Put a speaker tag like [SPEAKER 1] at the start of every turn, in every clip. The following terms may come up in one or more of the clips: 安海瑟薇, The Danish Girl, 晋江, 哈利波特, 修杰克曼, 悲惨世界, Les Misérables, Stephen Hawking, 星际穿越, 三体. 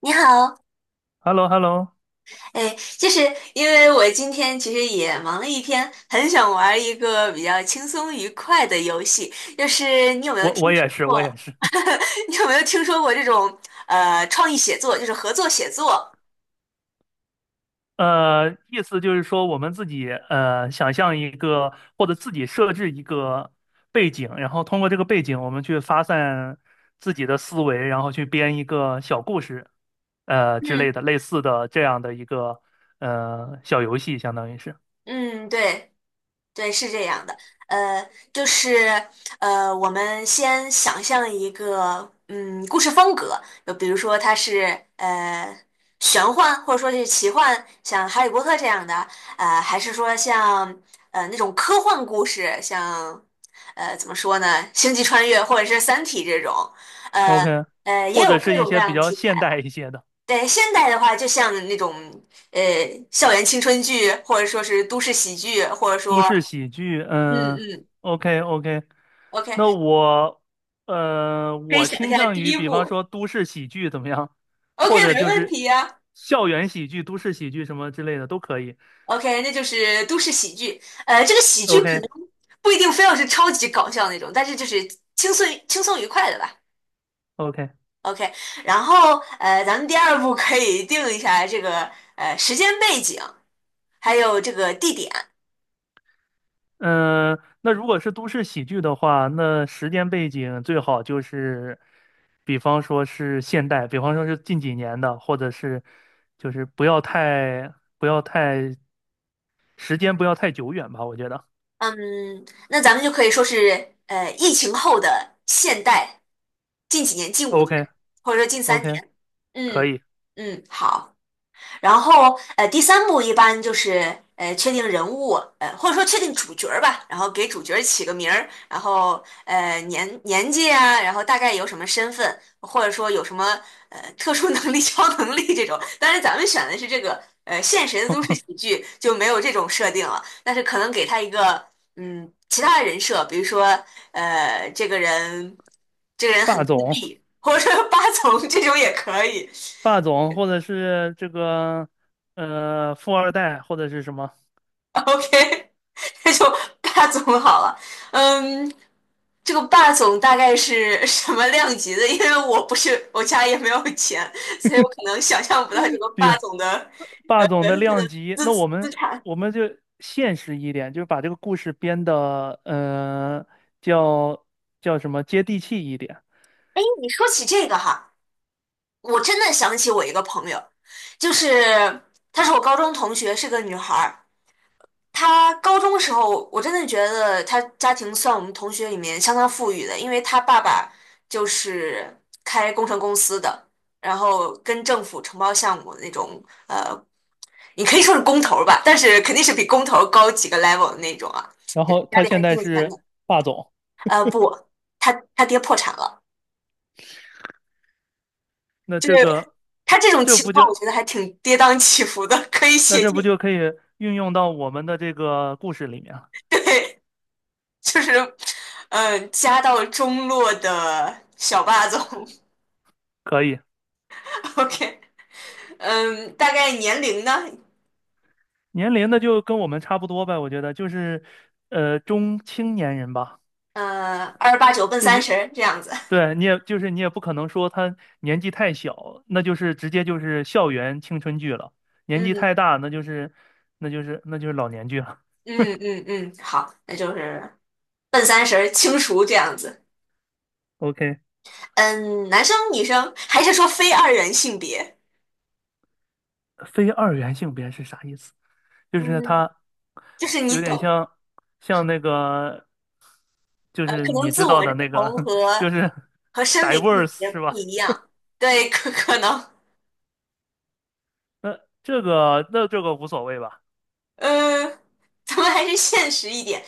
[SPEAKER 1] 你好，
[SPEAKER 2] Hello hello
[SPEAKER 1] 哎，就是因为我今天其实也忙了一天，很想玩一个比较轻松愉快的游戏。就是你有没有
[SPEAKER 2] 我
[SPEAKER 1] 听
[SPEAKER 2] 我
[SPEAKER 1] 说
[SPEAKER 2] 也是，我也
[SPEAKER 1] 过？
[SPEAKER 2] 是。
[SPEAKER 1] 你有没有听说过这种创意写作，就是合作写作？
[SPEAKER 2] 意思就是说，我们自己想象一个，或者自己设置一个背景，然后通过这个背景，我们去发散自己的思维，然后去编一个小故事，之类
[SPEAKER 1] 嗯
[SPEAKER 2] 的，类似的这样的一个小游戏，相当于是
[SPEAKER 1] 嗯，对。对，是这样的，呃，就是我们先想象一个故事风格，就比如说它是玄幻，或者说是奇幻，像《哈利波特》这样的，还是说像那种科幻故事，像怎么说呢，《星际穿越》或者是《三体》这种，呃
[SPEAKER 2] OK，
[SPEAKER 1] 也
[SPEAKER 2] 或
[SPEAKER 1] 有
[SPEAKER 2] 者
[SPEAKER 1] 各
[SPEAKER 2] 是一
[SPEAKER 1] 种各
[SPEAKER 2] 些比
[SPEAKER 1] 样的
[SPEAKER 2] 较
[SPEAKER 1] 题材。
[SPEAKER 2] 现代一些的。
[SPEAKER 1] 对，现代的话，就像那种呃校园青春剧，或者说是都市喜剧，或者
[SPEAKER 2] 都
[SPEAKER 1] 说。
[SPEAKER 2] 市喜剧，
[SPEAKER 1] 嗯
[SPEAKER 2] 嗯
[SPEAKER 1] 嗯
[SPEAKER 2] ，OK OK，
[SPEAKER 1] OK，
[SPEAKER 2] 那我，
[SPEAKER 1] 可以
[SPEAKER 2] 我
[SPEAKER 1] 想一
[SPEAKER 2] 倾
[SPEAKER 1] 下
[SPEAKER 2] 向
[SPEAKER 1] 第
[SPEAKER 2] 于，
[SPEAKER 1] 一
[SPEAKER 2] 比方
[SPEAKER 1] 步。
[SPEAKER 2] 说都市喜剧怎么样，
[SPEAKER 1] OK，
[SPEAKER 2] 或者
[SPEAKER 1] 没
[SPEAKER 2] 就
[SPEAKER 1] 问
[SPEAKER 2] 是
[SPEAKER 1] 题呀、
[SPEAKER 2] 校园喜剧、都市喜剧什么之类的都可以。
[SPEAKER 1] OK，那就是都市喜剧。这个喜剧
[SPEAKER 2] OK
[SPEAKER 1] 可能不一定非要是超级搞笑那种，但是就是轻松愉快的吧。
[SPEAKER 2] OK，
[SPEAKER 1] OK，然后咱们第二步可以定一下这个时间背景，还有这个地点。
[SPEAKER 2] 嗯，那如果是都市喜剧的话，那时间背景最好就是，比方说是现代，比方说是近几年的，或者是就是不要太不要太时间不要太久远吧，我觉得。
[SPEAKER 1] 嗯，那咱们就可以说是疫情后的现代，近几年，近5年，
[SPEAKER 2] OK
[SPEAKER 1] 或者说近三
[SPEAKER 2] OK。
[SPEAKER 1] 年。
[SPEAKER 2] 可
[SPEAKER 1] 嗯
[SPEAKER 2] 以，
[SPEAKER 1] 嗯，好。然后第三部一般就是确定人物，或者说确定主角儿吧，然后给主角儿起个名儿，然后年纪啊，然后大概有什么身份，或者说有什么特殊能力、超能力这种。当然咱们选的是这个现实的都市 喜剧就没有这种设定了，但是可能给他一个其他的人设，比如说这个人
[SPEAKER 2] 霸
[SPEAKER 1] 很，
[SPEAKER 2] 总，
[SPEAKER 1] 或者说八层这种也可以。
[SPEAKER 2] 霸总，或者是这个富二代，或者是什么，
[SPEAKER 1] OK，那就霸总好了。嗯，这个霸总大概是什么量级的？因为我不是，我家也没有钱，所以我可能想象不到这个
[SPEAKER 2] 比如
[SPEAKER 1] 霸总的
[SPEAKER 2] 霸总的量级。
[SPEAKER 1] 资
[SPEAKER 2] 那
[SPEAKER 1] 资
[SPEAKER 2] 我们
[SPEAKER 1] 资产。
[SPEAKER 2] 我们就现实一点，就把这个故事编的叫叫什么接地气一点。
[SPEAKER 1] 哎，你说起这个哈，我真的想起我一个朋友，就是她是我高中同学，是个女孩儿。他高中时候，我真的觉得他家庭算我们同学里面相当富裕的，因为他爸爸就是开工程公司的，然后跟政府承包项目的那种，呃，你可以说是工头儿吧，但是肯定是比工头儿高几个 level 的那种啊，
[SPEAKER 2] 然
[SPEAKER 1] 就是
[SPEAKER 2] 后
[SPEAKER 1] 家
[SPEAKER 2] 他
[SPEAKER 1] 里还
[SPEAKER 2] 现
[SPEAKER 1] 挺
[SPEAKER 2] 在
[SPEAKER 1] 有钱的。
[SPEAKER 2] 是霸总，
[SPEAKER 1] 不，他爹破产了，
[SPEAKER 2] 那
[SPEAKER 1] 就是
[SPEAKER 2] 这个
[SPEAKER 1] 他这种
[SPEAKER 2] 这
[SPEAKER 1] 情
[SPEAKER 2] 不
[SPEAKER 1] 况，
[SPEAKER 2] 就
[SPEAKER 1] 我觉得还挺跌宕起伏的，可以
[SPEAKER 2] 那
[SPEAKER 1] 写
[SPEAKER 2] 这不
[SPEAKER 1] 进，
[SPEAKER 2] 就可以运用到我们的这个故事里面了？
[SPEAKER 1] 对，就是，家道中落的小霸总。
[SPEAKER 2] 可以，
[SPEAKER 1] OK，嗯，大概年龄呢？
[SPEAKER 2] 年龄的就跟我们差不多呗，我觉得就是中青年人吧。
[SPEAKER 1] 二八九奔
[SPEAKER 2] 就
[SPEAKER 1] 三
[SPEAKER 2] 是
[SPEAKER 1] 十这样子。
[SPEAKER 2] 对你也就是你也不可能说他年纪太小，那就是直接就是校园青春剧了；年纪太
[SPEAKER 1] 嗯
[SPEAKER 2] 大，那就是老年剧了。
[SPEAKER 1] 嗯嗯嗯，好，那就是奔三十儿清除这样子。
[SPEAKER 2] OK，
[SPEAKER 1] 嗯，男生女生还是说非二元性别？
[SPEAKER 2] 非二元性别是啥意思？就是
[SPEAKER 1] 嗯，
[SPEAKER 2] 他
[SPEAKER 1] 就是
[SPEAKER 2] 有
[SPEAKER 1] 你
[SPEAKER 2] 点
[SPEAKER 1] 懂，
[SPEAKER 2] 像那个，就是
[SPEAKER 1] 可能
[SPEAKER 2] 你
[SPEAKER 1] 自
[SPEAKER 2] 知道
[SPEAKER 1] 我
[SPEAKER 2] 的那
[SPEAKER 1] 认
[SPEAKER 2] 个，
[SPEAKER 1] 同 和
[SPEAKER 2] 就是
[SPEAKER 1] 生理性
[SPEAKER 2] diverse
[SPEAKER 1] 别
[SPEAKER 2] 是
[SPEAKER 1] 不
[SPEAKER 2] 吧？
[SPEAKER 1] 一样。对，可能，
[SPEAKER 2] 那那这个无所谓吧？
[SPEAKER 1] 呃，咱们还是现实一点。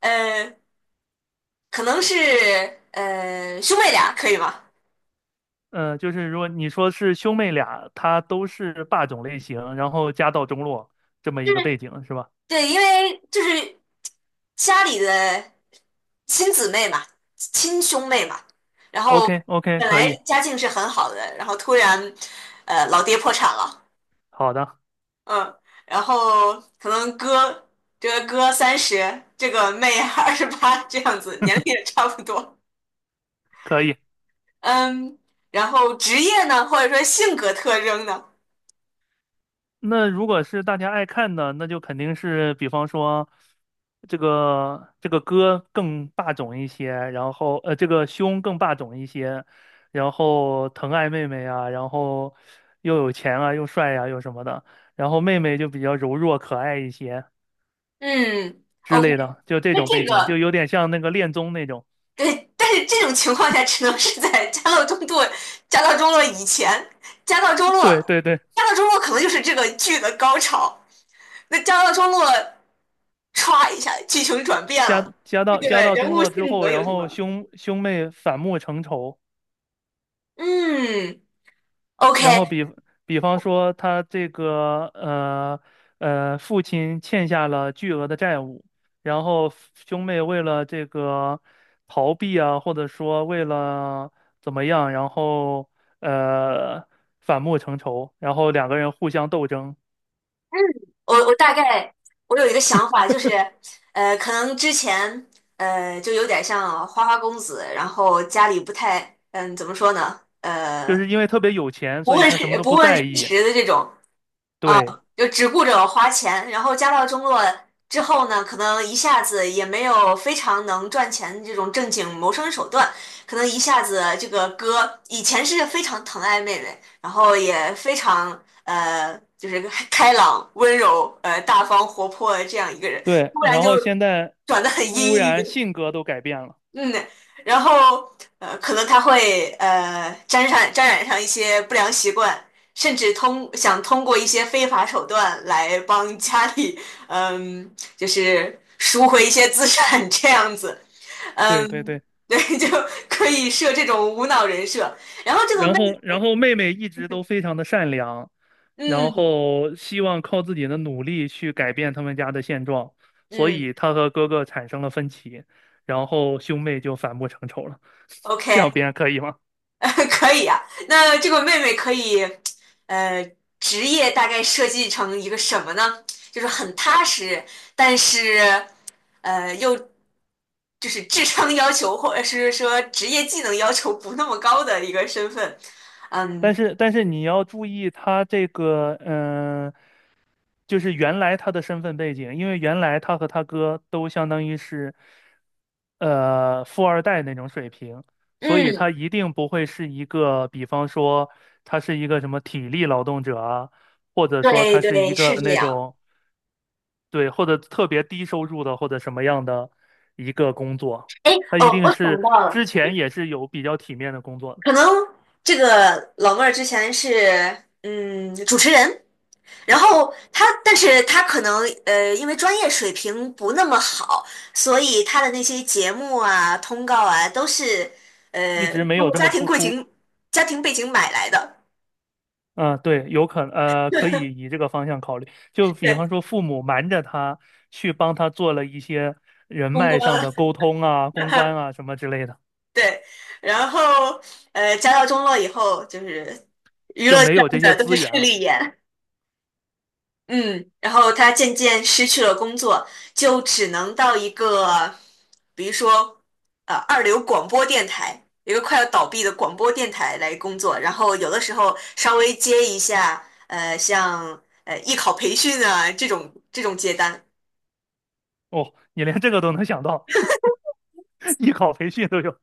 [SPEAKER 1] 呃，可能是兄妹俩可以吗？
[SPEAKER 2] 嗯，呃就是如果你说是兄妹俩，他都是霸总类型，然后家道中落这么
[SPEAKER 1] 就
[SPEAKER 2] 一个
[SPEAKER 1] 是
[SPEAKER 2] 背景是吧
[SPEAKER 1] 对，因为就是家里的亲姊妹嘛，亲兄妹嘛，然后
[SPEAKER 2] ？OK OK，
[SPEAKER 1] 本
[SPEAKER 2] 可
[SPEAKER 1] 来
[SPEAKER 2] 以，
[SPEAKER 1] 家境是很好的，然后突然老爹破产了，
[SPEAKER 2] 好的，
[SPEAKER 1] 嗯，然后可能这个哥三十，这个妹28这样子，年龄也差不多，
[SPEAKER 2] 可以。
[SPEAKER 1] 嗯，然后职业呢，或者说性格特征呢，
[SPEAKER 2] 那如果是大家爱看的，那就肯定是，比方说这个这个哥更霸总一些，然后呃这个兄更霸总一些，然后疼爱妹妹啊，然后又有钱啊，又帅啊，又什么的，然后妹妹就比较柔弱可爱一些。
[SPEAKER 1] 嗯
[SPEAKER 2] 之
[SPEAKER 1] ，OK，
[SPEAKER 2] 类的，就这
[SPEAKER 1] 那
[SPEAKER 2] 种背
[SPEAKER 1] 这
[SPEAKER 2] 景，就
[SPEAKER 1] 个。
[SPEAKER 2] 有点像那个恋综那种。
[SPEAKER 1] 对，但是这种情况下只能是在家道中落以前，家道中落，
[SPEAKER 2] 对对对，
[SPEAKER 1] 家道中落可能就是这个剧的高潮。那家道中落歘一下，剧情转变了，
[SPEAKER 2] 家家
[SPEAKER 1] 这
[SPEAKER 2] 到
[SPEAKER 1] 个
[SPEAKER 2] 家到
[SPEAKER 1] 人
[SPEAKER 2] 中
[SPEAKER 1] 物
[SPEAKER 2] 落之
[SPEAKER 1] 性
[SPEAKER 2] 后，
[SPEAKER 1] 格有
[SPEAKER 2] 然
[SPEAKER 1] 什
[SPEAKER 2] 后
[SPEAKER 1] 么？
[SPEAKER 2] 兄兄妹反目成仇，
[SPEAKER 1] 嗯
[SPEAKER 2] 然后
[SPEAKER 1] ，OK，
[SPEAKER 2] 比比方说他这个呃呃父亲欠下了巨额的债务，然后兄妹为了这个逃避啊，或者说为了怎么样，然后呃反目成仇，然后两个人互相斗争，
[SPEAKER 1] 我大概我有一个想法，就是可能之前就有点像花花公子，然后家里不太怎么说呢？
[SPEAKER 2] 就是因为特别有钱，
[SPEAKER 1] 不
[SPEAKER 2] 所以
[SPEAKER 1] 问
[SPEAKER 2] 他什么
[SPEAKER 1] 世
[SPEAKER 2] 都
[SPEAKER 1] 不
[SPEAKER 2] 不
[SPEAKER 1] 问
[SPEAKER 2] 在
[SPEAKER 1] 世
[SPEAKER 2] 意。
[SPEAKER 1] 事的这种。啊，
[SPEAKER 2] 对，
[SPEAKER 1] 就只顾着花钱，然后家道中落之后呢，可能一下子也没有非常能赚钱的这种正经谋生手段，可能一下子这个哥以前是非常疼爱妹妹，然后也非常就是开朗、温柔、大方、活泼的这样一个人，
[SPEAKER 2] 对，
[SPEAKER 1] 突然
[SPEAKER 2] 然
[SPEAKER 1] 就
[SPEAKER 2] 后现在
[SPEAKER 1] 转得很
[SPEAKER 2] 忽
[SPEAKER 1] 阴
[SPEAKER 2] 然
[SPEAKER 1] 郁，
[SPEAKER 2] 性格都改变了，
[SPEAKER 1] 嗯，然后可能他会沾染上一些不良习惯，甚至通过一些非法手段来帮家里，嗯，就是赎回一些资产这样子，
[SPEAKER 2] 对对
[SPEAKER 1] 嗯，
[SPEAKER 2] 对，
[SPEAKER 1] 对，就可以设这种无脑人设。然后这个
[SPEAKER 2] 然
[SPEAKER 1] 妹，
[SPEAKER 2] 后然后妹妹一直都非常的善良，然
[SPEAKER 1] 嗯
[SPEAKER 2] 后希望靠自己的努力去改变他们家的现状，所
[SPEAKER 1] 嗯
[SPEAKER 2] 以她和哥哥产生了分歧，然后兄妹就反目成仇了，这样
[SPEAKER 1] ，OK，
[SPEAKER 2] 别人可以吗？
[SPEAKER 1] 可以啊。那这个妹妹可以，呃，职业大概设计成一个什么呢？就是很踏实，但是，又就是智商要求或者是说职业技能要求不那么高的一个身份。嗯
[SPEAKER 2] 但是但是你要注意，他这个就是原来他的身份背景，因为原来他和他哥都相当于是，富二代那种水平，所以他
[SPEAKER 1] 嗯，
[SPEAKER 2] 一定不会是一个，比方说他是一个什么体力劳动者啊，或者说
[SPEAKER 1] 对
[SPEAKER 2] 他是一
[SPEAKER 1] 对，
[SPEAKER 2] 个
[SPEAKER 1] 是这
[SPEAKER 2] 那
[SPEAKER 1] 样。
[SPEAKER 2] 种，对，或者特别低收入的或者什么样的一个工作，
[SPEAKER 1] 哎，
[SPEAKER 2] 他一
[SPEAKER 1] 哦，
[SPEAKER 2] 定
[SPEAKER 1] 我想
[SPEAKER 2] 是
[SPEAKER 1] 到了，
[SPEAKER 2] 之前也是有比较体面的工作的，
[SPEAKER 1] 可能这个老妹儿之前是主持人。然后他，但是他可能因为专业水平不那么好，所以他的那些节目啊、通告啊，都是
[SPEAKER 2] 一直没
[SPEAKER 1] 通
[SPEAKER 2] 有
[SPEAKER 1] 过
[SPEAKER 2] 这么突出。
[SPEAKER 1] 家庭背景买来的，
[SPEAKER 2] 嗯，对，有可能可以以这个方向考虑。就比
[SPEAKER 1] 对，
[SPEAKER 2] 方说，父母瞒着他去帮他做了一些人
[SPEAKER 1] 公
[SPEAKER 2] 脉上
[SPEAKER 1] 关，
[SPEAKER 2] 的沟通啊、公关啊 什么之类的，
[SPEAKER 1] 对。然后家道中落以后，就是娱
[SPEAKER 2] 就
[SPEAKER 1] 乐
[SPEAKER 2] 没
[SPEAKER 1] 圈
[SPEAKER 2] 有这些
[SPEAKER 1] 的都是
[SPEAKER 2] 资
[SPEAKER 1] 势
[SPEAKER 2] 源了。
[SPEAKER 1] 利眼。嗯，然后他渐渐失去了工作，就只能到一个，比如说，二流广播电台，一个快要倒闭的广播电台来工作，然后有的时候稍微接一下，像艺考培训啊这种接单
[SPEAKER 2] 哦，你连这个都能想到，艺考培训都有。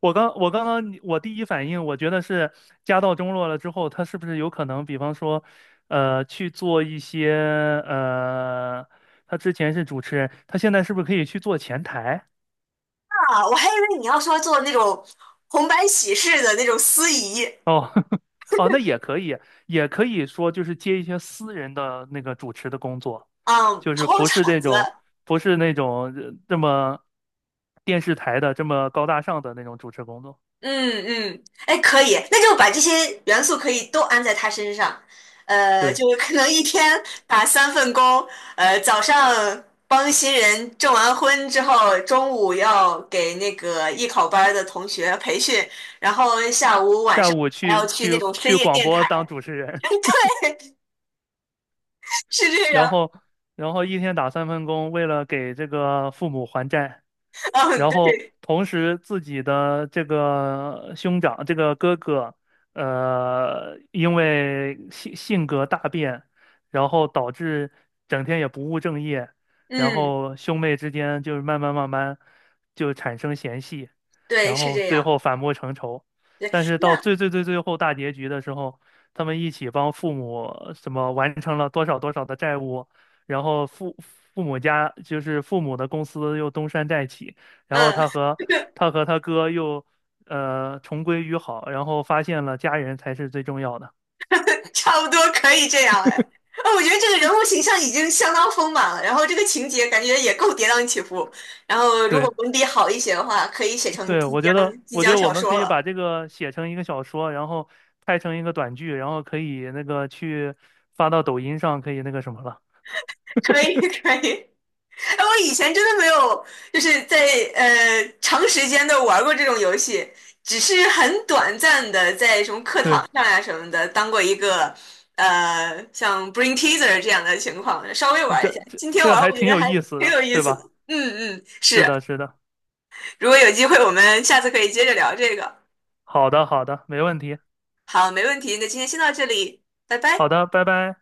[SPEAKER 2] 我刚刚我第一反应，我觉得是家道中落了之后，他是不是有可能，比方说，去做一些呃，他之前是主持人，他现在是不是可以去做前台？
[SPEAKER 1] 啊，我还以为你要说做那种红白喜事的那种司仪，
[SPEAKER 2] 哦，哦，那也可以，也可以说就是接一些私人的那个主持的工作，
[SPEAKER 1] 嗯，
[SPEAKER 2] 就
[SPEAKER 1] 跑
[SPEAKER 2] 是
[SPEAKER 1] 跑场子，
[SPEAKER 2] 不是那种这么电视台的这么高大上的那种主持工作。
[SPEAKER 1] 嗯嗯，哎，可以，那就把这些元素可以都安在他身上，
[SPEAKER 2] 对，
[SPEAKER 1] 就是可能一天打3份工，早上帮新人证完婚之后，中午要给那个艺考班儿的同学培训，然后下午晚
[SPEAKER 2] 下
[SPEAKER 1] 上
[SPEAKER 2] 午
[SPEAKER 1] 还要去那种深
[SPEAKER 2] 去
[SPEAKER 1] 夜
[SPEAKER 2] 广
[SPEAKER 1] 电
[SPEAKER 2] 播
[SPEAKER 1] 台，
[SPEAKER 2] 当主持 人，
[SPEAKER 1] 对，是 这
[SPEAKER 2] 然
[SPEAKER 1] 样，
[SPEAKER 2] 后然后一天打三份工，为了给这个父母还债。
[SPEAKER 1] 嗯，
[SPEAKER 2] 然后
[SPEAKER 1] 对，
[SPEAKER 2] 同时自己的这个兄长，这个哥哥，因为性格大变，然后导致整天也不务正业，然
[SPEAKER 1] 嗯，
[SPEAKER 2] 后兄妹之间就是慢慢慢慢就产生嫌隙，
[SPEAKER 1] 对，
[SPEAKER 2] 然
[SPEAKER 1] 是
[SPEAKER 2] 后
[SPEAKER 1] 这
[SPEAKER 2] 最
[SPEAKER 1] 样，
[SPEAKER 2] 后反目成仇，
[SPEAKER 1] 对，
[SPEAKER 2] 但是到
[SPEAKER 1] 那，
[SPEAKER 2] 最后大结局的时候，他们一起帮父母什么完成了多少多少的债务。然后父母家就是父母的公司又东山再起，然后
[SPEAKER 1] 嗯。
[SPEAKER 2] 他和他哥又重归于好，然后发现了家人才是最重要的。
[SPEAKER 1] 差不多可以这样哎。哦我觉得这个人物形象已经相当丰满了，然后这个情节感觉也够跌宕起伏。然后如果
[SPEAKER 2] 对
[SPEAKER 1] 文笔好一些的话，可以写成
[SPEAKER 2] 对，
[SPEAKER 1] 晋江
[SPEAKER 2] 我觉得我
[SPEAKER 1] 小
[SPEAKER 2] 们可
[SPEAKER 1] 说
[SPEAKER 2] 以
[SPEAKER 1] 了。
[SPEAKER 2] 把这个写成一个小说，然后拍成一个短剧，然后可以那个去发到抖音上，可以那个什么了。
[SPEAKER 1] 可以可以。哎，我以前真的没有，就是在长时间的玩过这种游戏，只是很短暂的在什么课
[SPEAKER 2] 对，
[SPEAKER 1] 堂上呀、什么的当过一个像 BRING Teaser 这样的情况，稍微
[SPEAKER 2] 那
[SPEAKER 1] 玩一下。今天
[SPEAKER 2] 这
[SPEAKER 1] 玩
[SPEAKER 2] 还
[SPEAKER 1] 我觉
[SPEAKER 2] 挺
[SPEAKER 1] 得
[SPEAKER 2] 有
[SPEAKER 1] 还
[SPEAKER 2] 意思
[SPEAKER 1] 挺有
[SPEAKER 2] 的，
[SPEAKER 1] 意
[SPEAKER 2] 对
[SPEAKER 1] 思的。
[SPEAKER 2] 吧？
[SPEAKER 1] 嗯嗯，
[SPEAKER 2] 是
[SPEAKER 1] 是。
[SPEAKER 2] 的，是的，
[SPEAKER 1] 如果有机会，我们下次可以接着聊这个。
[SPEAKER 2] 好的，好的，没问题，
[SPEAKER 1] 好，没问题，那今天先到这里，拜
[SPEAKER 2] 好
[SPEAKER 1] 拜。
[SPEAKER 2] 的，拜拜。